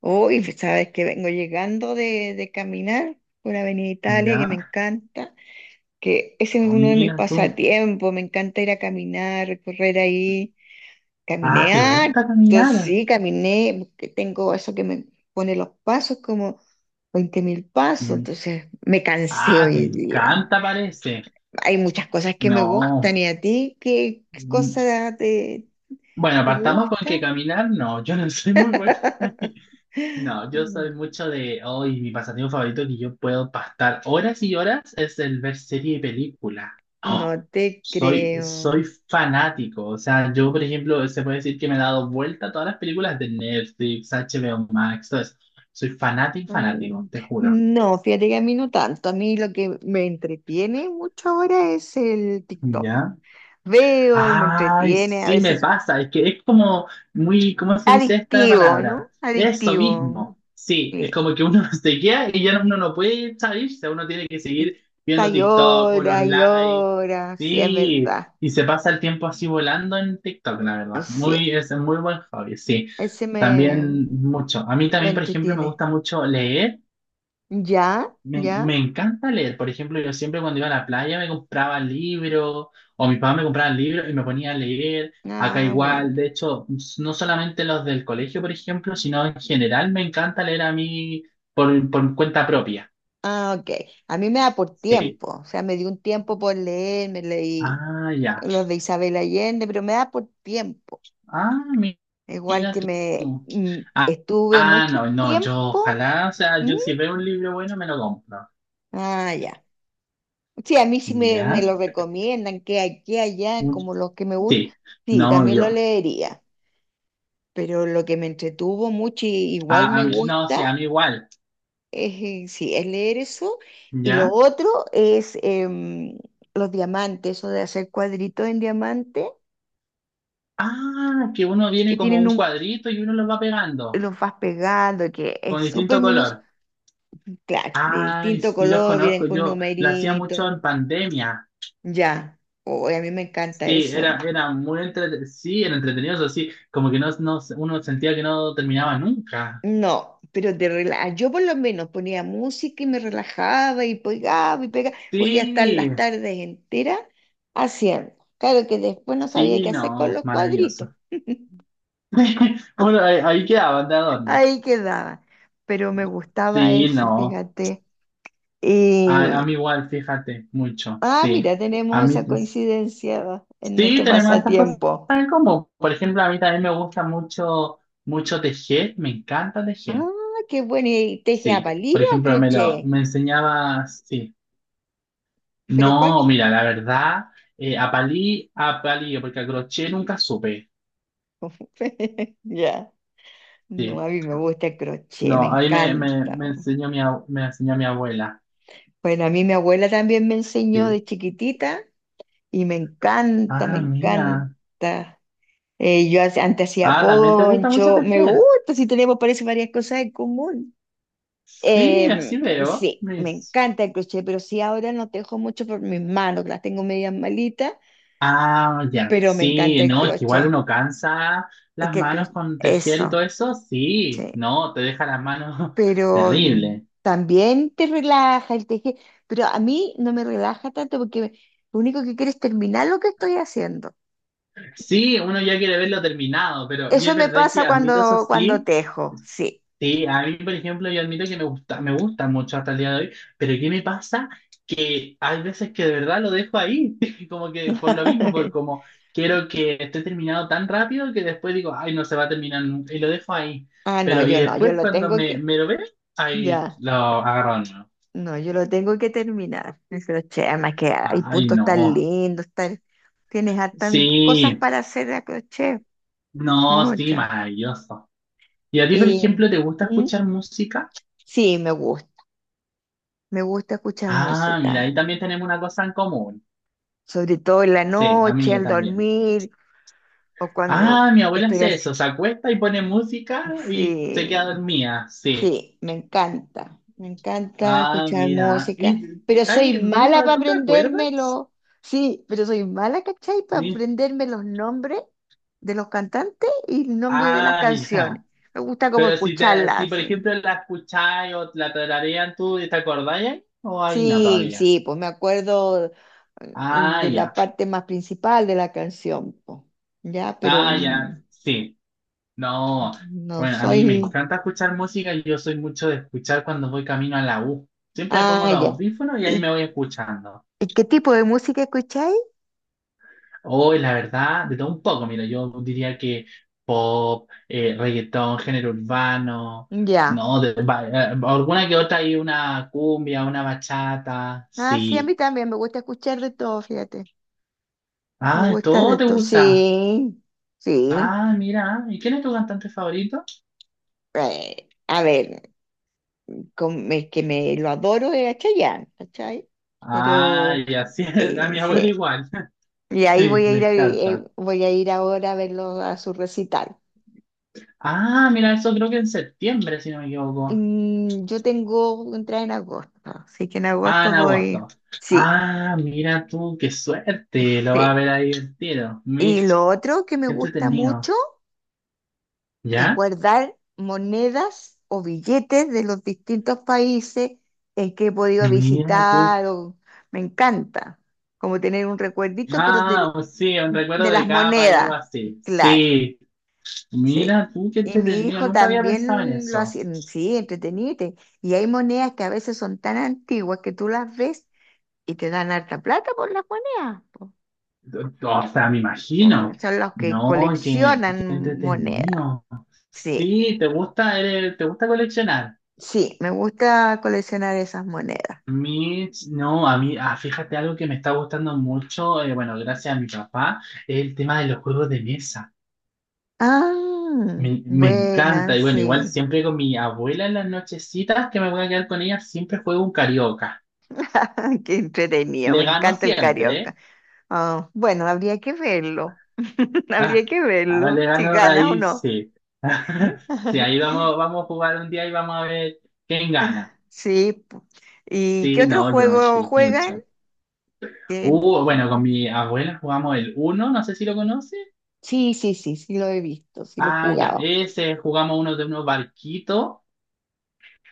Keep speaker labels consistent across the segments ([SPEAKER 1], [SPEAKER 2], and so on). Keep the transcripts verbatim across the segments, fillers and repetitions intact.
[SPEAKER 1] Uy, pues, sabes que vengo llegando de, de caminar por Avenida Italia, que me
[SPEAKER 2] Ya,
[SPEAKER 1] encanta, que ese es uno de mis
[SPEAKER 2] mira tú.
[SPEAKER 1] pasatiempos, me encanta ir a caminar, recorrer ahí.
[SPEAKER 2] Ah,
[SPEAKER 1] Caminé
[SPEAKER 2] ¿te gusta
[SPEAKER 1] harto,
[SPEAKER 2] caminar?
[SPEAKER 1] sí, caminé, porque tengo eso que me pone los pasos como veinte mil pasos,
[SPEAKER 2] Mi-
[SPEAKER 1] entonces me cansé
[SPEAKER 2] Ah, te
[SPEAKER 1] hoy día.
[SPEAKER 2] encanta, parece.
[SPEAKER 1] Hay muchas cosas que me gustan,
[SPEAKER 2] No.
[SPEAKER 1] ¿y a ti qué, qué
[SPEAKER 2] Mm,
[SPEAKER 1] cosa te,
[SPEAKER 2] Bueno,
[SPEAKER 1] te
[SPEAKER 2] partamos con que
[SPEAKER 1] gusta?
[SPEAKER 2] caminar, no, yo no soy muy buena. ahí. No, yo soy mucho de hoy, mi pasatiempo favorito que yo puedo pastar horas y horas es el ver serie y película. Oh,
[SPEAKER 1] No te
[SPEAKER 2] soy,
[SPEAKER 1] creo.
[SPEAKER 2] soy fanático. O sea, yo, por ejemplo, se puede decir que me he dado vuelta a todas las películas de Netflix, H B O Max, todo eso. Soy fanático, fanático,
[SPEAKER 1] Mm,
[SPEAKER 2] te juro.
[SPEAKER 1] No, fíjate que a mí no tanto. A mí lo que me entretiene mucho ahora es el TikTok.
[SPEAKER 2] ¿Ya?
[SPEAKER 1] Veo y me
[SPEAKER 2] Ay,
[SPEAKER 1] entretiene, a
[SPEAKER 2] sí me
[SPEAKER 1] veces
[SPEAKER 2] pasa, es que es como muy, ¿cómo se dice esta
[SPEAKER 1] adictivo,
[SPEAKER 2] palabra?
[SPEAKER 1] ¿no?
[SPEAKER 2] Eso
[SPEAKER 1] Adictivo.
[SPEAKER 2] mismo, sí,
[SPEAKER 1] Sí.
[SPEAKER 2] es como que uno se queda y ya uno no puede salirse, uno tiene que seguir
[SPEAKER 1] Está
[SPEAKER 2] viendo
[SPEAKER 1] y
[SPEAKER 2] TikTok o los
[SPEAKER 1] hora y
[SPEAKER 2] lives,
[SPEAKER 1] hora, sí, es
[SPEAKER 2] sí,
[SPEAKER 1] verdad.
[SPEAKER 2] y se pasa el tiempo así volando en TikTok, la verdad, muy,
[SPEAKER 1] Sí,
[SPEAKER 2] es un muy buen hobby, sí,
[SPEAKER 1] ese me,
[SPEAKER 2] también mucho. A mí
[SPEAKER 1] me
[SPEAKER 2] también, por ejemplo, me
[SPEAKER 1] entretiene.
[SPEAKER 2] gusta mucho leer
[SPEAKER 1] ¿Ya?
[SPEAKER 2] me, me
[SPEAKER 1] ¿Ya?
[SPEAKER 2] encanta leer. Por ejemplo, yo siempre cuando iba a la playa me compraba libros o mi papá me compraba libros y me ponía a leer. Acá
[SPEAKER 1] Ah, bueno.
[SPEAKER 2] igual, de hecho, s- no solamente los del colegio, por ejemplo, sino en general me encanta leer a mí por, por cuenta propia.
[SPEAKER 1] Ah, ok. A mí me da por
[SPEAKER 2] Sí.
[SPEAKER 1] tiempo, o sea, me dio un tiempo por leer, me leí
[SPEAKER 2] Ah, ya.
[SPEAKER 1] los de Isabel Allende, pero me da por tiempo.
[SPEAKER 2] Ah, mi-
[SPEAKER 1] Igual
[SPEAKER 2] mira
[SPEAKER 1] que me
[SPEAKER 2] tú.
[SPEAKER 1] mm,
[SPEAKER 2] Ah,
[SPEAKER 1] estuve
[SPEAKER 2] ah,
[SPEAKER 1] mucho
[SPEAKER 2] no, no, yo
[SPEAKER 1] tiempo.
[SPEAKER 2] ojalá, o sea,
[SPEAKER 1] ¿Mm?
[SPEAKER 2] yo si veo un libro bueno me lo compro.
[SPEAKER 1] Ah, ya. Sí, a mí sí me, me
[SPEAKER 2] ¿Ya?
[SPEAKER 1] lo recomiendan, que aquí, allá, como los que me gustan.
[SPEAKER 2] Sí.
[SPEAKER 1] Sí,
[SPEAKER 2] No,
[SPEAKER 1] también lo
[SPEAKER 2] yo.
[SPEAKER 1] leería. Pero lo que me entretuvo mucho y igual
[SPEAKER 2] Ah, a
[SPEAKER 1] me
[SPEAKER 2] mí- no, sí,
[SPEAKER 1] gusta
[SPEAKER 2] a mí igual.
[SPEAKER 1] es, eh, sí, es leer eso. Y lo
[SPEAKER 2] ¿Ya?
[SPEAKER 1] otro es em, los diamantes, eso de hacer cuadritos en diamante,
[SPEAKER 2] Ah, que uno
[SPEAKER 1] que
[SPEAKER 2] viene como
[SPEAKER 1] tienen
[SPEAKER 2] un
[SPEAKER 1] un,
[SPEAKER 2] cuadrito y uno los va pegando
[SPEAKER 1] los vas pegando, que es
[SPEAKER 2] con
[SPEAKER 1] súper
[SPEAKER 2] distinto
[SPEAKER 1] minus,
[SPEAKER 2] color.
[SPEAKER 1] claro, de
[SPEAKER 2] Ay,
[SPEAKER 1] distinto
[SPEAKER 2] sí los
[SPEAKER 1] color, vienen
[SPEAKER 2] conozco,
[SPEAKER 1] con
[SPEAKER 2] yo lo hacía
[SPEAKER 1] numeritos.
[SPEAKER 2] mucho en pandemia.
[SPEAKER 1] Ya, hoy a mí me encanta
[SPEAKER 2] Sí,
[SPEAKER 1] eso.
[SPEAKER 2] era, era muy entretenido, sí, era entretenido, eso sí, como que no, no- uno sentía que no terminaba nunca.
[SPEAKER 1] No, pero de rela- yo por lo menos ponía música y me relajaba y pegaba y pegaba, podía estar
[SPEAKER 2] Sí,
[SPEAKER 1] las tardes enteras haciendo. Claro que después no sabía
[SPEAKER 2] sí,
[SPEAKER 1] qué hacer con
[SPEAKER 2] no,
[SPEAKER 1] los cuadritos,
[SPEAKER 2] maravilloso. Bueno, ahí, ahí quedaban de adorno.
[SPEAKER 1] ahí quedaba, pero me gustaba
[SPEAKER 2] Sí,
[SPEAKER 1] eso,
[SPEAKER 2] no,
[SPEAKER 1] fíjate. Y,
[SPEAKER 2] a, a mí igual, fíjate, mucho,
[SPEAKER 1] ah,
[SPEAKER 2] sí.
[SPEAKER 1] mira,
[SPEAKER 2] A
[SPEAKER 1] tenemos
[SPEAKER 2] mí,
[SPEAKER 1] esa coincidencia en
[SPEAKER 2] Sí,
[SPEAKER 1] nuestro
[SPEAKER 2] tenemos estas cosas
[SPEAKER 1] pasatiempo.
[SPEAKER 2] en común. Por ejemplo, a mí también me gusta mucho, mucho tejer, me encanta tejer.
[SPEAKER 1] Ah, qué bueno, ¿y teje a
[SPEAKER 2] Sí,
[SPEAKER 1] palillo
[SPEAKER 2] por
[SPEAKER 1] o a
[SPEAKER 2] ejemplo, me lo,
[SPEAKER 1] crochet?
[SPEAKER 2] me enseñaba, sí.
[SPEAKER 1] ¿Pero cuál?
[SPEAKER 2] No, mira, la verdad, eh, a palí, a palillo, porque a crochet nunca supe.
[SPEAKER 1] Ya. No,
[SPEAKER 2] Sí,
[SPEAKER 1] a mí me gusta el crochet, me
[SPEAKER 2] no, ahí me, me,
[SPEAKER 1] encanta.
[SPEAKER 2] me enseñó mi, ab- me enseñó mi abuela.
[SPEAKER 1] Bueno, a mí mi abuela también me enseñó
[SPEAKER 2] Sí.
[SPEAKER 1] de chiquitita y me encanta, me
[SPEAKER 2] Ah, mira.
[SPEAKER 1] encanta. Eh, yo hace- antes hacía
[SPEAKER 2] Ah, también te gusta mucho
[SPEAKER 1] poncho, me
[SPEAKER 2] tejer.
[SPEAKER 1] gusta, si tenemos parece varias cosas en común.
[SPEAKER 2] Sí,
[SPEAKER 1] Eh,
[SPEAKER 2] así veo.
[SPEAKER 1] sí, me encanta el crochet, pero sí ahora no tejo mucho por mis manos, que las tengo medias malitas,
[SPEAKER 2] Ah, ya.
[SPEAKER 1] pero me encanta
[SPEAKER 2] Sí,
[SPEAKER 1] el
[SPEAKER 2] no, es que igual
[SPEAKER 1] crochet.
[SPEAKER 2] uno cansa
[SPEAKER 1] Es
[SPEAKER 2] las
[SPEAKER 1] que el
[SPEAKER 2] manos
[SPEAKER 1] cro-
[SPEAKER 2] con tejer y
[SPEAKER 1] eso,
[SPEAKER 2] todo eso. Sí,
[SPEAKER 1] sí.
[SPEAKER 2] no, te deja las manos
[SPEAKER 1] Pero mm,
[SPEAKER 2] terrible.
[SPEAKER 1] también te relaja el tejer, pero a mí no me relaja tanto porque me- lo único que quiero es terminar lo que estoy haciendo.
[SPEAKER 2] Sí, uno ya quiere verlo terminado, pero y
[SPEAKER 1] Eso
[SPEAKER 2] es
[SPEAKER 1] me
[SPEAKER 2] verdad
[SPEAKER 1] pasa
[SPEAKER 2] que admito eso
[SPEAKER 1] cuando, cuando
[SPEAKER 2] sí.
[SPEAKER 1] tejo, sí.
[SPEAKER 2] Sí, a mí, por ejemplo, yo admito que me gusta, me gusta mucho hasta el día de hoy, pero ¿qué me pasa? Que hay veces que de verdad lo dejo ahí, como que por lo mismo, por como quiero que esté terminado tan rápido que después digo, ay, no se va a terminar nunca, y lo dejo ahí.
[SPEAKER 1] Ah, no,
[SPEAKER 2] Pero, y
[SPEAKER 1] yo no, yo
[SPEAKER 2] después
[SPEAKER 1] lo
[SPEAKER 2] cuando
[SPEAKER 1] tengo
[SPEAKER 2] me,
[SPEAKER 1] que,
[SPEAKER 2] me lo veo, ahí
[SPEAKER 1] ya,
[SPEAKER 2] lo agarro, no.
[SPEAKER 1] no, yo lo tengo que terminar. El crochet, además que hay
[SPEAKER 2] Ay,
[SPEAKER 1] puntos tan
[SPEAKER 2] no.
[SPEAKER 1] lindos, tan, tienes hartas cosas
[SPEAKER 2] Sí,
[SPEAKER 1] para hacer a crochet,
[SPEAKER 2] no, sí,
[SPEAKER 1] muchas.
[SPEAKER 2] maravilloso. ¿Y a ti, por
[SPEAKER 1] Y
[SPEAKER 2] ejemplo, te gusta
[SPEAKER 1] mm,
[SPEAKER 2] escuchar música?
[SPEAKER 1] sí, me gusta, me gusta escuchar
[SPEAKER 2] Ah, mira,
[SPEAKER 1] música,
[SPEAKER 2] ahí también tenemos una cosa en común.
[SPEAKER 1] sobre todo en la
[SPEAKER 2] Sí, a
[SPEAKER 1] noche,
[SPEAKER 2] mí
[SPEAKER 1] al
[SPEAKER 2] también.
[SPEAKER 1] dormir o cuando
[SPEAKER 2] Ah, mi abuela
[SPEAKER 1] estoy
[SPEAKER 2] hace eso,
[SPEAKER 1] haciendo.
[SPEAKER 2] se acuesta y pone música y se queda
[SPEAKER 1] Sí,
[SPEAKER 2] dormida, sí.
[SPEAKER 1] sí, me encanta, me encanta
[SPEAKER 2] Ah,
[SPEAKER 1] escuchar
[SPEAKER 2] mira.
[SPEAKER 1] música,
[SPEAKER 2] ¿Y
[SPEAKER 1] pero soy
[SPEAKER 2] hay
[SPEAKER 1] mala
[SPEAKER 2] duda?
[SPEAKER 1] para
[SPEAKER 2] ¿Tú te acuerdas?
[SPEAKER 1] aprendérmelo. Sí, pero soy mala, ¿cachai? Para
[SPEAKER 2] Mi-
[SPEAKER 1] aprenderme los nombres de los cantantes y el nombre de las
[SPEAKER 2] Ah,
[SPEAKER 1] canciones.
[SPEAKER 2] ya.
[SPEAKER 1] Me gusta como
[SPEAKER 2] Pero si, te, si
[SPEAKER 1] escucharlas,
[SPEAKER 2] por
[SPEAKER 1] sí.
[SPEAKER 2] ejemplo la escucháis o la tararean, ¿tú te acordáis ahí? ¿O ahí no
[SPEAKER 1] Sí,
[SPEAKER 2] todavía?
[SPEAKER 1] sí, pues me acuerdo, eh,
[SPEAKER 2] Ah,
[SPEAKER 1] de
[SPEAKER 2] ya.
[SPEAKER 1] la parte más principal de la canción, pues, ya, pero
[SPEAKER 2] Ah, ya.
[SPEAKER 1] mm,
[SPEAKER 2] Sí. No.
[SPEAKER 1] no
[SPEAKER 2] Bueno, a mí me
[SPEAKER 1] soy.
[SPEAKER 2] encanta escuchar música y yo soy mucho de escuchar cuando voy camino a la U. Siempre me pongo
[SPEAKER 1] Ah,
[SPEAKER 2] los
[SPEAKER 1] ya.
[SPEAKER 2] audífonos y ahí me
[SPEAKER 1] ¿Y,
[SPEAKER 2] voy escuchando.
[SPEAKER 1] y qué tipo de música escucháis?
[SPEAKER 2] Hoy, la verdad, de todo un poco, mira, yo diría que pop, eh, reggaetón, género urbano,
[SPEAKER 1] Ya.
[SPEAKER 2] no, de- va- eh, alguna que otra hay una cumbia, una bachata,
[SPEAKER 1] Ah, sí, a mí
[SPEAKER 2] sí.
[SPEAKER 1] también me gusta escuchar de todo, fíjate. Me
[SPEAKER 2] Ah,
[SPEAKER 1] gusta
[SPEAKER 2] todo
[SPEAKER 1] de
[SPEAKER 2] te
[SPEAKER 1] todo.
[SPEAKER 2] gusta.
[SPEAKER 1] Sí, sí.
[SPEAKER 2] Ah, mira, ¿y quién es tu cantante favorito?
[SPEAKER 1] Eh, a ver, con- es que me lo adoro es a Chayanne, ¿cachai?
[SPEAKER 2] Ah,
[SPEAKER 1] Pero
[SPEAKER 2] y así es, a
[SPEAKER 1] eh,
[SPEAKER 2] mi
[SPEAKER 1] sí.
[SPEAKER 2] abuelo igual.
[SPEAKER 1] Y ahí
[SPEAKER 2] Sí,
[SPEAKER 1] voy a
[SPEAKER 2] le
[SPEAKER 1] ir a- eh,
[SPEAKER 2] encanta.
[SPEAKER 1] voy a ir ahora a verlo a su recital.
[SPEAKER 2] Ah, mira, eso creo que en septiembre, si no me equivoco.
[SPEAKER 1] Mm, yo tengo entrada en agosto, así que en
[SPEAKER 2] Ah,
[SPEAKER 1] agosto
[SPEAKER 2] en
[SPEAKER 1] voy.
[SPEAKER 2] agosto.
[SPEAKER 1] Sí,
[SPEAKER 2] Ah, mira tú, qué suerte. Lo va a
[SPEAKER 1] sí.
[SPEAKER 2] ver ahí el tiro.
[SPEAKER 1] Y lo
[SPEAKER 2] Mis,
[SPEAKER 1] otro que me
[SPEAKER 2] qué
[SPEAKER 1] gusta
[SPEAKER 2] entretenido.
[SPEAKER 1] mucho es
[SPEAKER 2] ¿Ya?
[SPEAKER 1] guardar monedas o billetes de los distintos países en que he podido
[SPEAKER 2] Mira tú.
[SPEAKER 1] visitar. O- me encanta, como tener un recuerdito, pero de,
[SPEAKER 2] Ah, pues sí, un recuerdo
[SPEAKER 1] de
[SPEAKER 2] de
[SPEAKER 1] las
[SPEAKER 2] cada país o
[SPEAKER 1] monedas,
[SPEAKER 2] así.
[SPEAKER 1] claro,
[SPEAKER 2] Sí.
[SPEAKER 1] sí.
[SPEAKER 2] Mira tú, qué
[SPEAKER 1] Y mi
[SPEAKER 2] entretenido.
[SPEAKER 1] hijo
[SPEAKER 2] Nunca había pensado en
[SPEAKER 1] también lo
[SPEAKER 2] eso.
[SPEAKER 1] hace, mm, sí, entretenite. Y hay monedas que a veces son tan antiguas que tú las ves y te dan harta plata por las monedas, po.
[SPEAKER 2] O sea, me
[SPEAKER 1] Mm,
[SPEAKER 2] imagino.
[SPEAKER 1] son los que
[SPEAKER 2] No, qué, qué
[SPEAKER 1] coleccionan monedas,
[SPEAKER 2] entretenido.
[SPEAKER 1] sí.
[SPEAKER 2] Sí, te gusta, eres- te gusta coleccionar.
[SPEAKER 1] Sí, me gusta coleccionar esas monedas.
[SPEAKER 2] A mí, no, a mí, ah, fíjate algo que me está gustando mucho, eh, bueno, gracias a mi papá, es el tema de los juegos de mesa.
[SPEAKER 1] Ah,
[SPEAKER 2] Me, me encanta,
[SPEAKER 1] buenas,
[SPEAKER 2] y bueno, igual
[SPEAKER 1] sí.
[SPEAKER 2] siempre con mi abuela en las nochecitas que me voy a quedar con ella, siempre juego un carioca.
[SPEAKER 1] Qué entretenido,
[SPEAKER 2] Le
[SPEAKER 1] me
[SPEAKER 2] gano
[SPEAKER 1] encanta el
[SPEAKER 2] siempre, ¿eh?
[SPEAKER 1] carioca. Ah, bueno, habría que verlo. Habría
[SPEAKER 2] Ah,
[SPEAKER 1] que
[SPEAKER 2] ah, le
[SPEAKER 1] verlo, si
[SPEAKER 2] gano
[SPEAKER 1] ganas o
[SPEAKER 2] ahí,
[SPEAKER 1] no.
[SPEAKER 2] sí. Sí, ahí vamos, vamos a jugar un día y vamos a ver quién gana.
[SPEAKER 1] Sí. Pu- ¿y qué
[SPEAKER 2] Sí,
[SPEAKER 1] otro
[SPEAKER 2] no, yo no
[SPEAKER 1] juego
[SPEAKER 2] estoy
[SPEAKER 1] juegan?
[SPEAKER 2] mucho.
[SPEAKER 1] Que-
[SPEAKER 2] Uh, bueno, con mi abuela jugamos el uno, no sé si lo conoce.
[SPEAKER 1] sí, sí, sí, sí lo he visto, sí lo he
[SPEAKER 2] Ah, ya,
[SPEAKER 1] jugado.
[SPEAKER 2] ese jugamos uno de unos barquitos.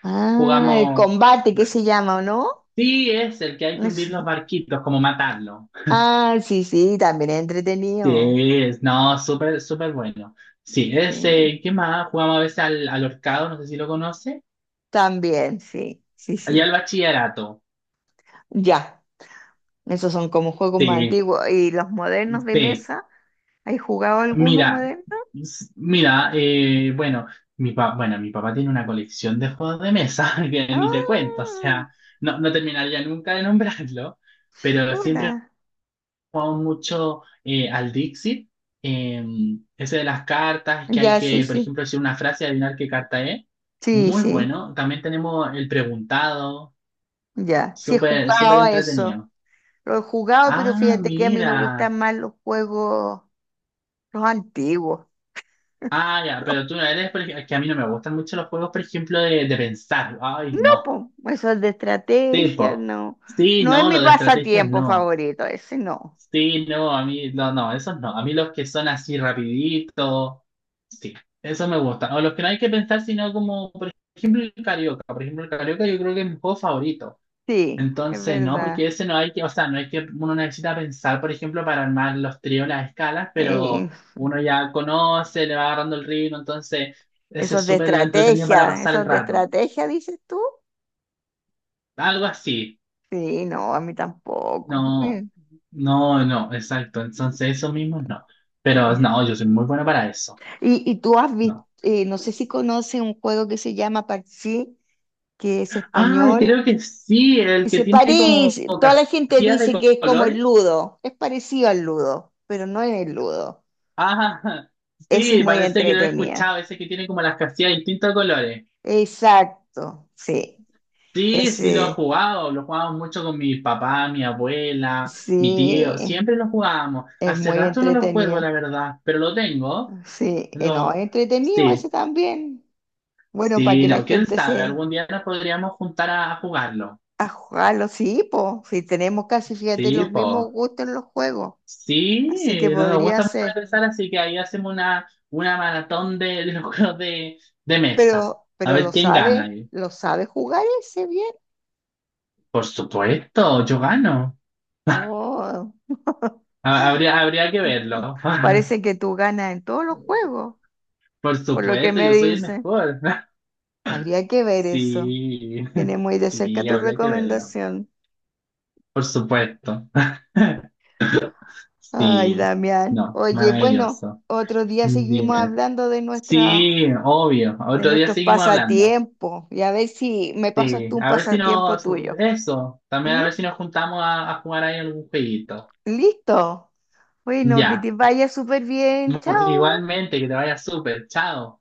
[SPEAKER 1] Ah, el
[SPEAKER 2] Jugamos.
[SPEAKER 1] combate, ¿qué se llama o no?
[SPEAKER 2] Sí, es el que hay que hundir
[SPEAKER 1] Es-
[SPEAKER 2] los barquitos, como matarlo.
[SPEAKER 1] ah, sí, sí, también es
[SPEAKER 2] Sí,
[SPEAKER 1] entretenido.
[SPEAKER 2] es- no, súper, súper bueno. Sí,
[SPEAKER 1] Sí.
[SPEAKER 2] ese, ¿qué más? Jugamos a veces al, al horcado, no sé si lo conoce.
[SPEAKER 1] También, sí, sí,
[SPEAKER 2] Allá al
[SPEAKER 1] sí.
[SPEAKER 2] bachillerato.
[SPEAKER 1] Ya, esos son como juegos más
[SPEAKER 2] Sí,
[SPEAKER 1] antiguos. ¿Y los modernos de
[SPEAKER 2] sí.
[SPEAKER 1] mesa? ¿Hay jugado alguno
[SPEAKER 2] Mira,
[SPEAKER 1] moderno?
[SPEAKER 2] s- mira, eh, bueno, mi pa- bueno, mi papá tiene una colección de juegos de mesa que ni te cuento, o
[SPEAKER 1] Ah,
[SPEAKER 2] sea, no, no terminaría nunca de nombrarlo, pero siempre.
[SPEAKER 1] chuta.
[SPEAKER 2] Mucho eh, al Dixit, eh, ese de las cartas, que hay
[SPEAKER 1] Ya, sí,
[SPEAKER 2] que, por
[SPEAKER 1] sí.
[SPEAKER 2] ejemplo, decir una frase y adivinar qué carta es.
[SPEAKER 1] Sí,
[SPEAKER 2] Muy
[SPEAKER 1] sí,
[SPEAKER 2] bueno. También tenemos el preguntado,
[SPEAKER 1] ya. Sí, he
[SPEAKER 2] súper, súper
[SPEAKER 1] jugado a eso.
[SPEAKER 2] entretenido.
[SPEAKER 1] Lo he jugado, pero
[SPEAKER 2] Ah,
[SPEAKER 1] fíjate que a mí me
[SPEAKER 2] mira.
[SPEAKER 1] gustan más los juegos, los antiguos.
[SPEAKER 2] Ah, ya,
[SPEAKER 1] Los
[SPEAKER 2] pero tú no eres, por ej- que a mí no me gustan mucho los juegos, por ejemplo, de, de pensar. Ay, no.
[SPEAKER 1] papos, esos de estrategia,
[SPEAKER 2] Tipo,
[SPEAKER 1] no.
[SPEAKER 2] sí,
[SPEAKER 1] No es
[SPEAKER 2] no,
[SPEAKER 1] mi
[SPEAKER 2] lo de estrategias
[SPEAKER 1] pasatiempo
[SPEAKER 2] no.
[SPEAKER 1] favorito, ese no.
[SPEAKER 2] Sí, no, a mí, no, no, esos no. A mí los que son así rapidito, sí, eso me gusta. O los que no hay que pensar, sino como, por ejemplo, el Carioca. Por ejemplo, el Carioca yo creo que es mi juego favorito.
[SPEAKER 1] Sí, es
[SPEAKER 2] Entonces, no, porque
[SPEAKER 1] verdad.
[SPEAKER 2] ese no hay que, o sea, no hay que, uno necesita pensar, por ejemplo, para armar los tríos, las escalas, pero
[SPEAKER 1] Eh,
[SPEAKER 2] uno ya conoce, le va agarrando el ritmo, entonces, ese es
[SPEAKER 1] Esos de
[SPEAKER 2] súper entretenido para
[SPEAKER 1] estrategia,
[SPEAKER 2] pasar el
[SPEAKER 1] esos de
[SPEAKER 2] rato.
[SPEAKER 1] estrategia, dices tú.
[SPEAKER 2] Algo así.
[SPEAKER 1] Sí, no, a mí tampoco.
[SPEAKER 2] No,
[SPEAKER 1] Mm,
[SPEAKER 2] no, no, exacto. Entonces, eso mismo no. Pero
[SPEAKER 1] eh.
[SPEAKER 2] no, yo soy muy bueno para eso.
[SPEAKER 1] Y, y tú has visto,
[SPEAKER 2] No.
[SPEAKER 1] no sé si conoces un juego que se llama Parchís, que es
[SPEAKER 2] Ah,
[SPEAKER 1] español.
[SPEAKER 2] creo que sí, el que
[SPEAKER 1] Dice
[SPEAKER 2] tiene como
[SPEAKER 1] París, toda la gente
[SPEAKER 2] casillas de
[SPEAKER 1] dice
[SPEAKER 2] co-
[SPEAKER 1] que es como el
[SPEAKER 2] colores.
[SPEAKER 1] ludo, es parecido al ludo, pero no es el ludo.
[SPEAKER 2] Ah,
[SPEAKER 1] Ese es
[SPEAKER 2] sí,
[SPEAKER 1] muy
[SPEAKER 2] parece que no lo he escuchado,
[SPEAKER 1] entretenida.
[SPEAKER 2] ese que tiene como las casillas de distintos colores.
[SPEAKER 1] Exacto, sí.
[SPEAKER 2] Sí, sí lo he
[SPEAKER 1] Ese,
[SPEAKER 2] jugado, lo jugábamos mucho con mi papá, mi abuela, mi tío,
[SPEAKER 1] sí,
[SPEAKER 2] siempre lo jugábamos.
[SPEAKER 1] es
[SPEAKER 2] Hace
[SPEAKER 1] muy
[SPEAKER 2] rato no lo juego, la
[SPEAKER 1] entretenido.
[SPEAKER 2] verdad, pero lo tengo.
[SPEAKER 1] Sí, eh, no, es
[SPEAKER 2] Lo,
[SPEAKER 1] entretenido ese
[SPEAKER 2] sí.
[SPEAKER 1] también. Bueno, para
[SPEAKER 2] Sí,
[SPEAKER 1] que la
[SPEAKER 2] no, quién
[SPEAKER 1] gente
[SPEAKER 2] sabe,
[SPEAKER 1] se
[SPEAKER 2] algún día nos podríamos juntar a jugarlo.
[SPEAKER 1] ajalo, sí, po, si tenemos casi, fíjate,
[SPEAKER 2] Sí,
[SPEAKER 1] los
[SPEAKER 2] po,
[SPEAKER 1] mismos gustos en los juegos,
[SPEAKER 2] Sí,
[SPEAKER 1] así que
[SPEAKER 2] eh, no nos
[SPEAKER 1] podría
[SPEAKER 2] gusta mucho
[SPEAKER 1] ser,
[SPEAKER 2] regresar, así que ahí hacemos una, una maratón de, de los juegos de, de mesa.
[SPEAKER 1] pero,
[SPEAKER 2] A
[SPEAKER 1] pero
[SPEAKER 2] ver
[SPEAKER 1] lo
[SPEAKER 2] quién gana
[SPEAKER 1] sabe,
[SPEAKER 2] ahí.
[SPEAKER 1] lo sabe jugar ese bien.
[SPEAKER 2] Por supuesto, yo gano.
[SPEAKER 1] Oh.
[SPEAKER 2] Ha- Habría, habría que verlo.
[SPEAKER 1] Parece que tú ganas en todos los juegos,
[SPEAKER 2] Por
[SPEAKER 1] por lo que
[SPEAKER 2] supuesto,
[SPEAKER 1] me
[SPEAKER 2] yo soy el
[SPEAKER 1] dicen.
[SPEAKER 2] mejor.
[SPEAKER 1] Habría que ver eso.
[SPEAKER 2] Sí,
[SPEAKER 1] Tiene muy de cerca
[SPEAKER 2] sí,
[SPEAKER 1] tu
[SPEAKER 2] habría que verlo.
[SPEAKER 1] recomendación.
[SPEAKER 2] Por supuesto.
[SPEAKER 1] Ay,
[SPEAKER 2] Sí,
[SPEAKER 1] Damián.
[SPEAKER 2] no,
[SPEAKER 1] Oye, bueno,
[SPEAKER 2] maravilloso.
[SPEAKER 1] otro día seguimos
[SPEAKER 2] Dime.
[SPEAKER 1] hablando de nuestras
[SPEAKER 2] Sí, obvio.
[SPEAKER 1] de
[SPEAKER 2] Otro día
[SPEAKER 1] nuestros
[SPEAKER 2] seguimos hablando.
[SPEAKER 1] pasatiempos y a ver si me pasas
[SPEAKER 2] Sí,
[SPEAKER 1] tú un
[SPEAKER 2] a ver si
[SPEAKER 1] pasatiempo
[SPEAKER 2] nos...
[SPEAKER 1] tuyo.
[SPEAKER 2] Eso, también a
[SPEAKER 1] ¿Mm?
[SPEAKER 2] ver si nos juntamos a, a jugar ahí algún jueguito.
[SPEAKER 1] Listo. Bueno, que te
[SPEAKER 2] Ya.
[SPEAKER 1] vaya súper bien.
[SPEAKER 2] Mu-
[SPEAKER 1] Chao.
[SPEAKER 2] Igualmente, que te vaya súper. Chao.